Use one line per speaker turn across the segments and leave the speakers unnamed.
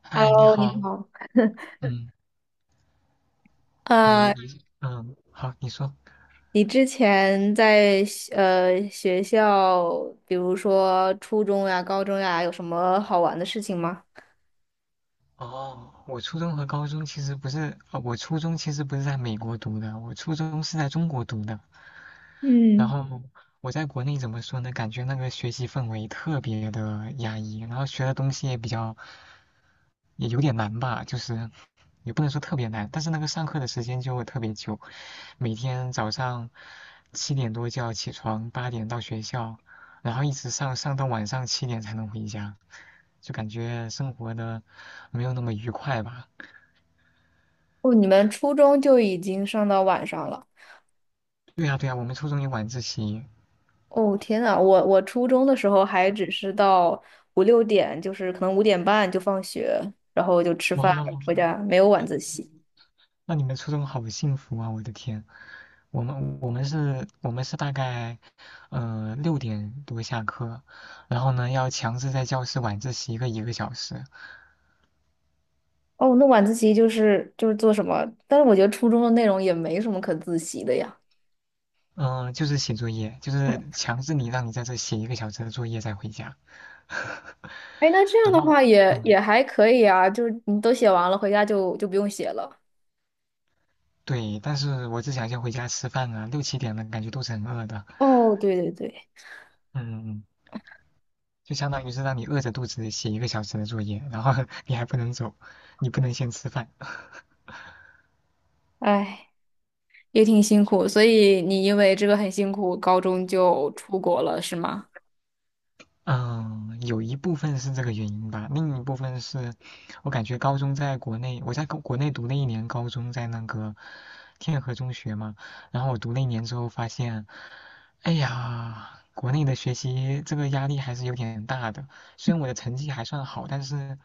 嗨，你
Hello，你
好，
好。
嗯，你
啊，
你嗯，好，你说。
你之前在学学校，比如说初中呀、高中呀，有什么好玩的事情吗？
哦，我初中和高中其实不是，我初中其实不是在美国读的，我初中是在中国读的。然
嗯，
后我在国内怎么说呢？感觉那个学习氛围特别的压抑，然后学的东西也比较，也有点难吧，就是也不能说特别难，但是那个上课的时间就特别久，每天早上7点多就要起床，8点到学校，然后一直上到晚上7点才能回家。就感觉生活的没有那么愉快吧。
哦，你们初中就已经上到晚上了。
对呀对呀，我们初中有晚自习，
哦，天呐，我初中的时候还只是到五六点，就是可能五点半就放学，然后就吃
哇，
饭回家，没有晚自习。
那你们初中好幸福啊！我的天，我们是大概，6点多下课，然后呢要强制在教室晚自习个一个小时，
哦，那晚自习就是做什么？但是我觉得初中的内容也没什么可自习的呀。
嗯、就是写作业，就是强制你让你在这写一个小时的作业再回家，
哎，那这 样
然
的
后
话也
嗯
也还可以啊，就是你都写完了，回家就不用写了。
对，但是我只想先回家吃饭啊，六七点的感觉都是很饿的，
哦，对对对，
嗯。就相当于是让你饿着肚子写一个小时的作业，然后 你还不能走，你不能先吃饭。
哎，也挺辛苦，所以你因为这个很辛苦，高中就出国了，是吗？
嗯，有一部分是这个原因吧，另一部分是我感觉高中在国内，我在国内读了一年高中，在那个天河中学嘛，然后我读了一年之后发现，哎呀，国内的学习这个压力还是有点大的，虽然我的成绩还算好，但是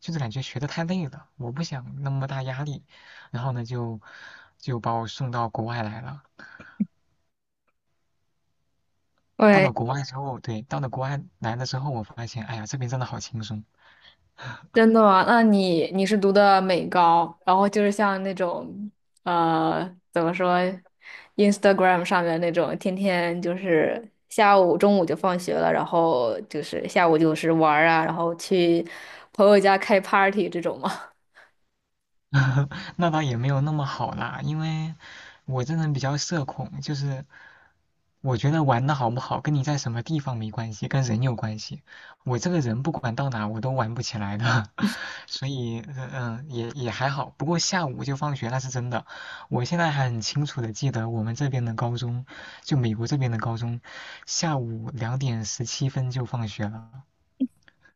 就是感觉学的太累了，我不想那么大压力，然后呢就把我送到国外来了。到了
喂，
国外之后，对，到了国外来了之后，我发现，哎呀，这边真的好轻松。
真的吗？那你是读的美高，然后就是像那种呃，怎么说，Instagram 上面那种，天天就是下午中午就放学了，然后就是下午就是玩儿啊，然后去朋友家开 party 这种吗？
那倒也没有那么好啦，因为我这人比较社恐，就是我觉得玩的好不好跟你在什么地方没关系，跟人有关系。我这个人不管到哪我都玩不起来的，所以也还好。不过下午就放学那是真的，我现在还很清楚的记得我们这边的高中，就美国这边的高中，下午2点17分就放学了，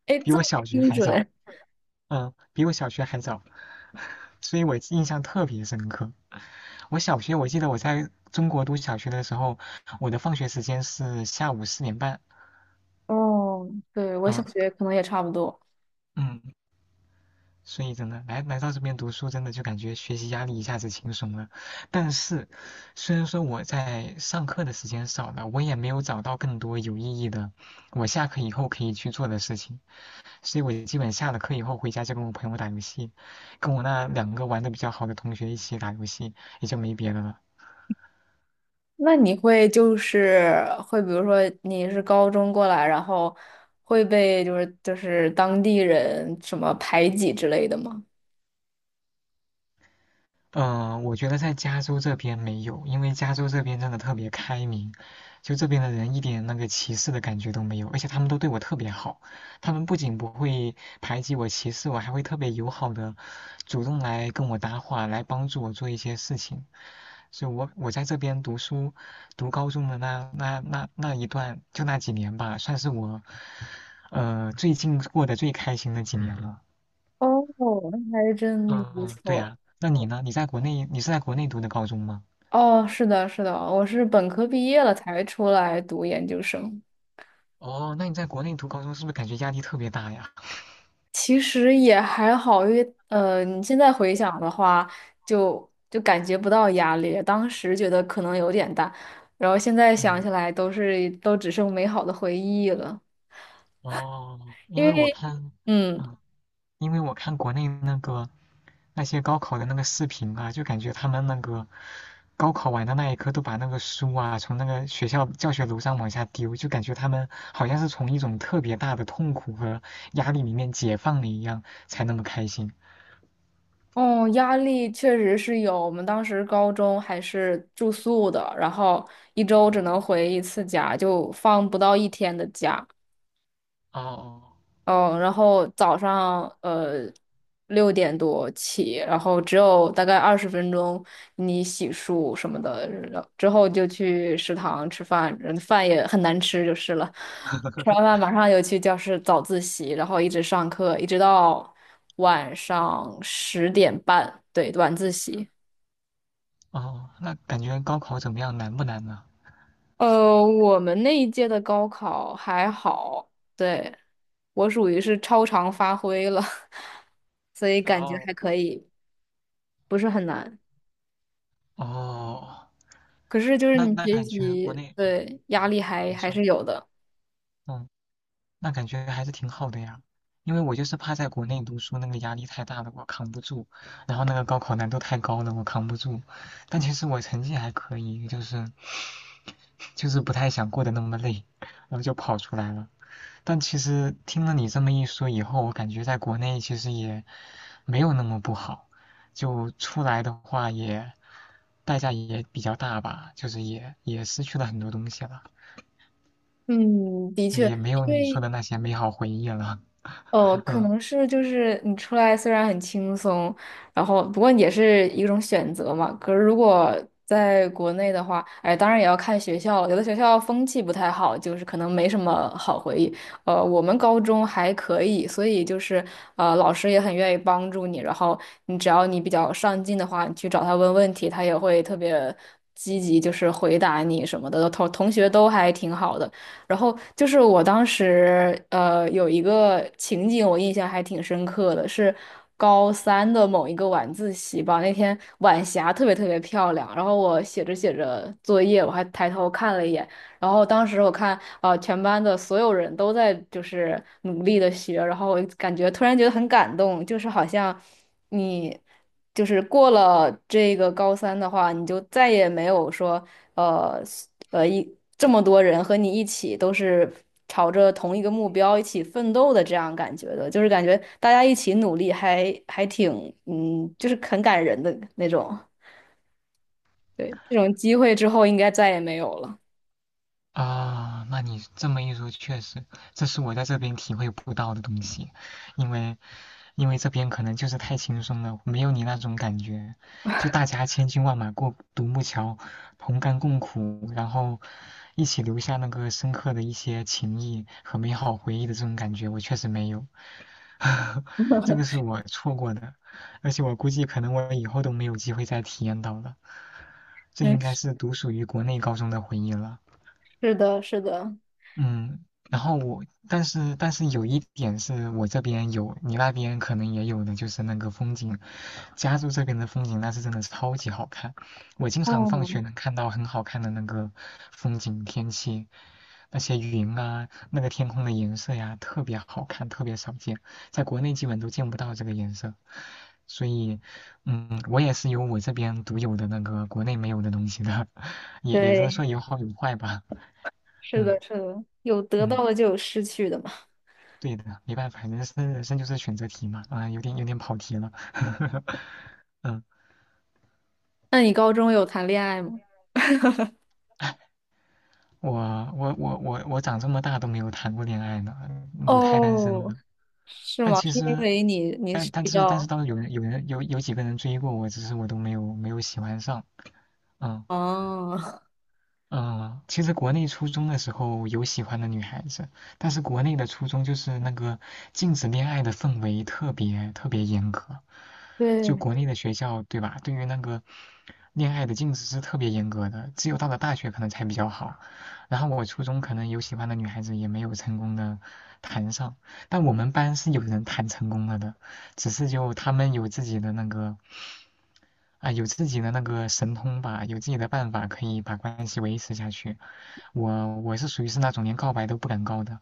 哎，
比
这
我
么
小学
精
还早，
准。
嗯，比我小学还早，所以我印象特别深刻。我小学我记得我在中国读小学的时候，我的放学时间是下午4点半。
哦，对，我小
嗯
学可能也差不多。
嗯，所以真的来到这边读书，真的就感觉学习压力一下子轻松了。但是，虽然说我在上课的时间少了，我也没有找到更多有意义的我下课以后可以去做的事情，所以我基本下了课以后回家就跟我朋友打游戏，跟我那两个玩的比较好的同学一起打游戏，也就没别的了。
那你会，比如说你是高中过来，然后会被当地人什么排挤之类的吗？
我觉得在加州这边没有，因为加州这边真的特别开明，就这边的人一点那个歧视的感觉都没有，而且他们都对我特别好，他们不仅不会排挤我、歧视我，还会特别友好的主动来跟我搭话，来帮助我做一些事情。所以我在这边读书，读高中的那一段，就那几年吧，算是我，最近过得最开心的几年了。
哦，那还真的
嗯。
不
嗯，对
错。
呀，那你呢？你在国内，你是在国内读的高中吗？
哦，是的，是的，我是本科毕业了才出来读研究生。
哦，那你在国内读高中是不是感觉压力特别大呀？
其实也还好，因为你现在回想的话，就感觉不到压力。当时觉得可能有点大，然后现在想
嗯，
起来都只剩美好的回忆了。
哦，
因
因为我
为，
看，
嗯，
嗯，国内那个那些高考的那个视频啊，就感觉他们那个高考完的那一刻都把那个书啊从那个学校教学楼上往下丢，就感觉他们好像是从一种特别大的痛苦和压力里面解放了一样，才那么开心。
哦，压力确实是有。我们当时高中还是住宿的，然后一周只能回一次家，就放不到一天的假。
哦
嗯，然后早上六点多起，然后只有大概二十分钟，你洗漱什么的，然后之后就去食堂吃饭，嗯饭也很难吃就是了。吃完饭马上就去教室早自习，然后一直上课，一直到晚上十点半，对，晚自习。
哦，那感觉高考怎么样？难不难呢？
呃，我们那一届的高考还好，对，我属于是超常发挥了，所以感觉
哦
还可以。不是很难。
哦，
可是就是
那
你
那
学
感觉国
习，
内，
对，压力还
你
还
说。
是有的。
嗯。那感觉还是挺好的呀。因为我就是怕在国内读书那个压力太大了，我扛不住，然后那个高考难度太高了，我扛不住。但其实我成绩还可以，就是不太想过得那么累，然后就跑出来了。但其实听了你这么一说以后，我感觉在国内其实也没有那么不好，就出来的话也代价也比较大吧，就是也失去了很多东西了，
嗯，的确，
也没有
因
你说
为
的那些美好回忆了。
哦，可
嗯。
能是就是你出来虽然很轻松，然后不过也是一种选择嘛。可是如果在国内的话，哎，当然也要看学校了。有的学校风气不太好，就是可能没什么好回忆。呃，我们高中还可以，所以就是老师也很愿意帮助你。然后你只要你比较上进的话，你去找他问问题，他也会特别积极，就是回答你什么的。同学都还挺好的。然后就是我当时有一个情景，我印象还挺深刻的，是高三的某一个晚自习吧。那天晚霞特别特别漂亮，然后我写着写着作业，我还抬头看了一眼，然后当时我看全班的所有人都在就是努力的学，然后我感觉突然觉得很感动，就是好像你。就是过了这个高三的话，你就再也没有说，呃，这么多人和你一起都是朝着同一个目标一起奋斗的这样感觉的，就是感觉大家一起努力还挺嗯，就是很感人的那种。对，这种机会之后应该再也没有了。
啊，那你这么一说，确实，这是我在这边体会不到的东西，因为，因为这边可能就是太轻松了，没有你那种感觉，就大家千军万马过独木桥，同甘共苦，然后一起留下那个深刻的一些情谊和美好回忆的这种感觉，我确实没有，这个是我错过的，而且我估计可能我以后都没有机会再体验到了，这
没
应该
事
是独属于国内高中的回忆了。
是的，是的，
嗯，然后我，但是有一点是我这边有，你那边可能也有的，就是那个风景。加州这边的风景那是真的超级好看，我经常放学
哦，
能看到很好看的那个风景天气，那些云啊，那个天空的颜色呀，特别好看，特别少见，在国内基本都见不到这个颜色。所以，嗯，我也是有我这边独有的那个国内没有的东西的，也是说
对，
有好有坏吧，
是
嗯
的，是的，有得到
嗯。
的就有失去的嘛。
对的，没办法，人生就是选择题嘛。有点跑题了。嗯，
那你高中有谈恋爱吗？
我我长这么大都没有谈过恋爱呢，母胎单身
哦，
呢。
是
但
吗？
其
是因
实，
为你你
但
是
但
比
是但是
较
倒是有几个人追过我，只是我都没有喜欢上。嗯
哦，
嗯，其实国内初中的时候有喜欢的女孩子，但是国内的初中就是那个禁止恋爱的氛围特别特别严格，就
对。
国内的学校，对吧？对于那个恋爱的禁止是特别严格的，只有到了大学可能才比较好。然后我初中可能有喜欢的女孩子，也没有成功的谈上。但我们班是有人谈成功了的，只是就他们有自己的那个有自己的那个神通吧，有自己的办法可以把关系维持下去。我是属于是那种连告白都不敢告的。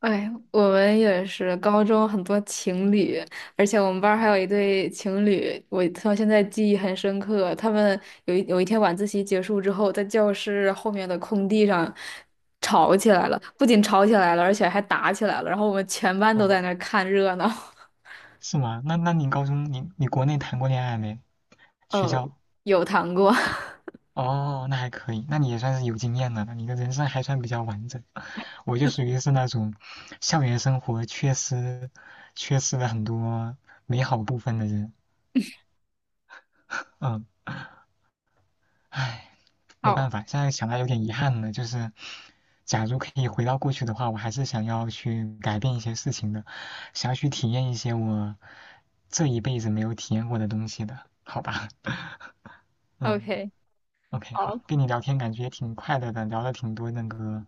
哎，我们也是高中很多情侣，而且我们班儿还有
嗯，
一对情侣，我到现在记忆很深刻。他们有一天晚自习结束之后，在教室后面的空地上吵起来了，不仅吵起来了，而且还打起来了。然后我们全班都
哦，
在那儿看热闹。
是吗？那你高中你国内谈过恋爱没？学
呃，
校？
有谈过。
哦，那还可以，那你也算是有经验了那你的人生还算比较完整。我就属于是那种校园生活缺失了很多美好部分的人。嗯，唉，没办
好
法，现在想来有点遗憾了。就是，假如可以回到过去的话，我还是想要去改变一些事情的，想要去体验一些我这一辈子没有体验过的东西的，好吧？嗯。
，OK，
OK,
好
好，跟你聊天感觉也挺快乐的，聊了挺多那个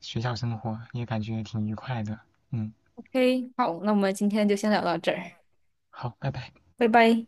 学校生活，也感觉挺愉快的。嗯，
，OK，好，那我们今天就先聊到这儿，
好，拜拜。
拜拜。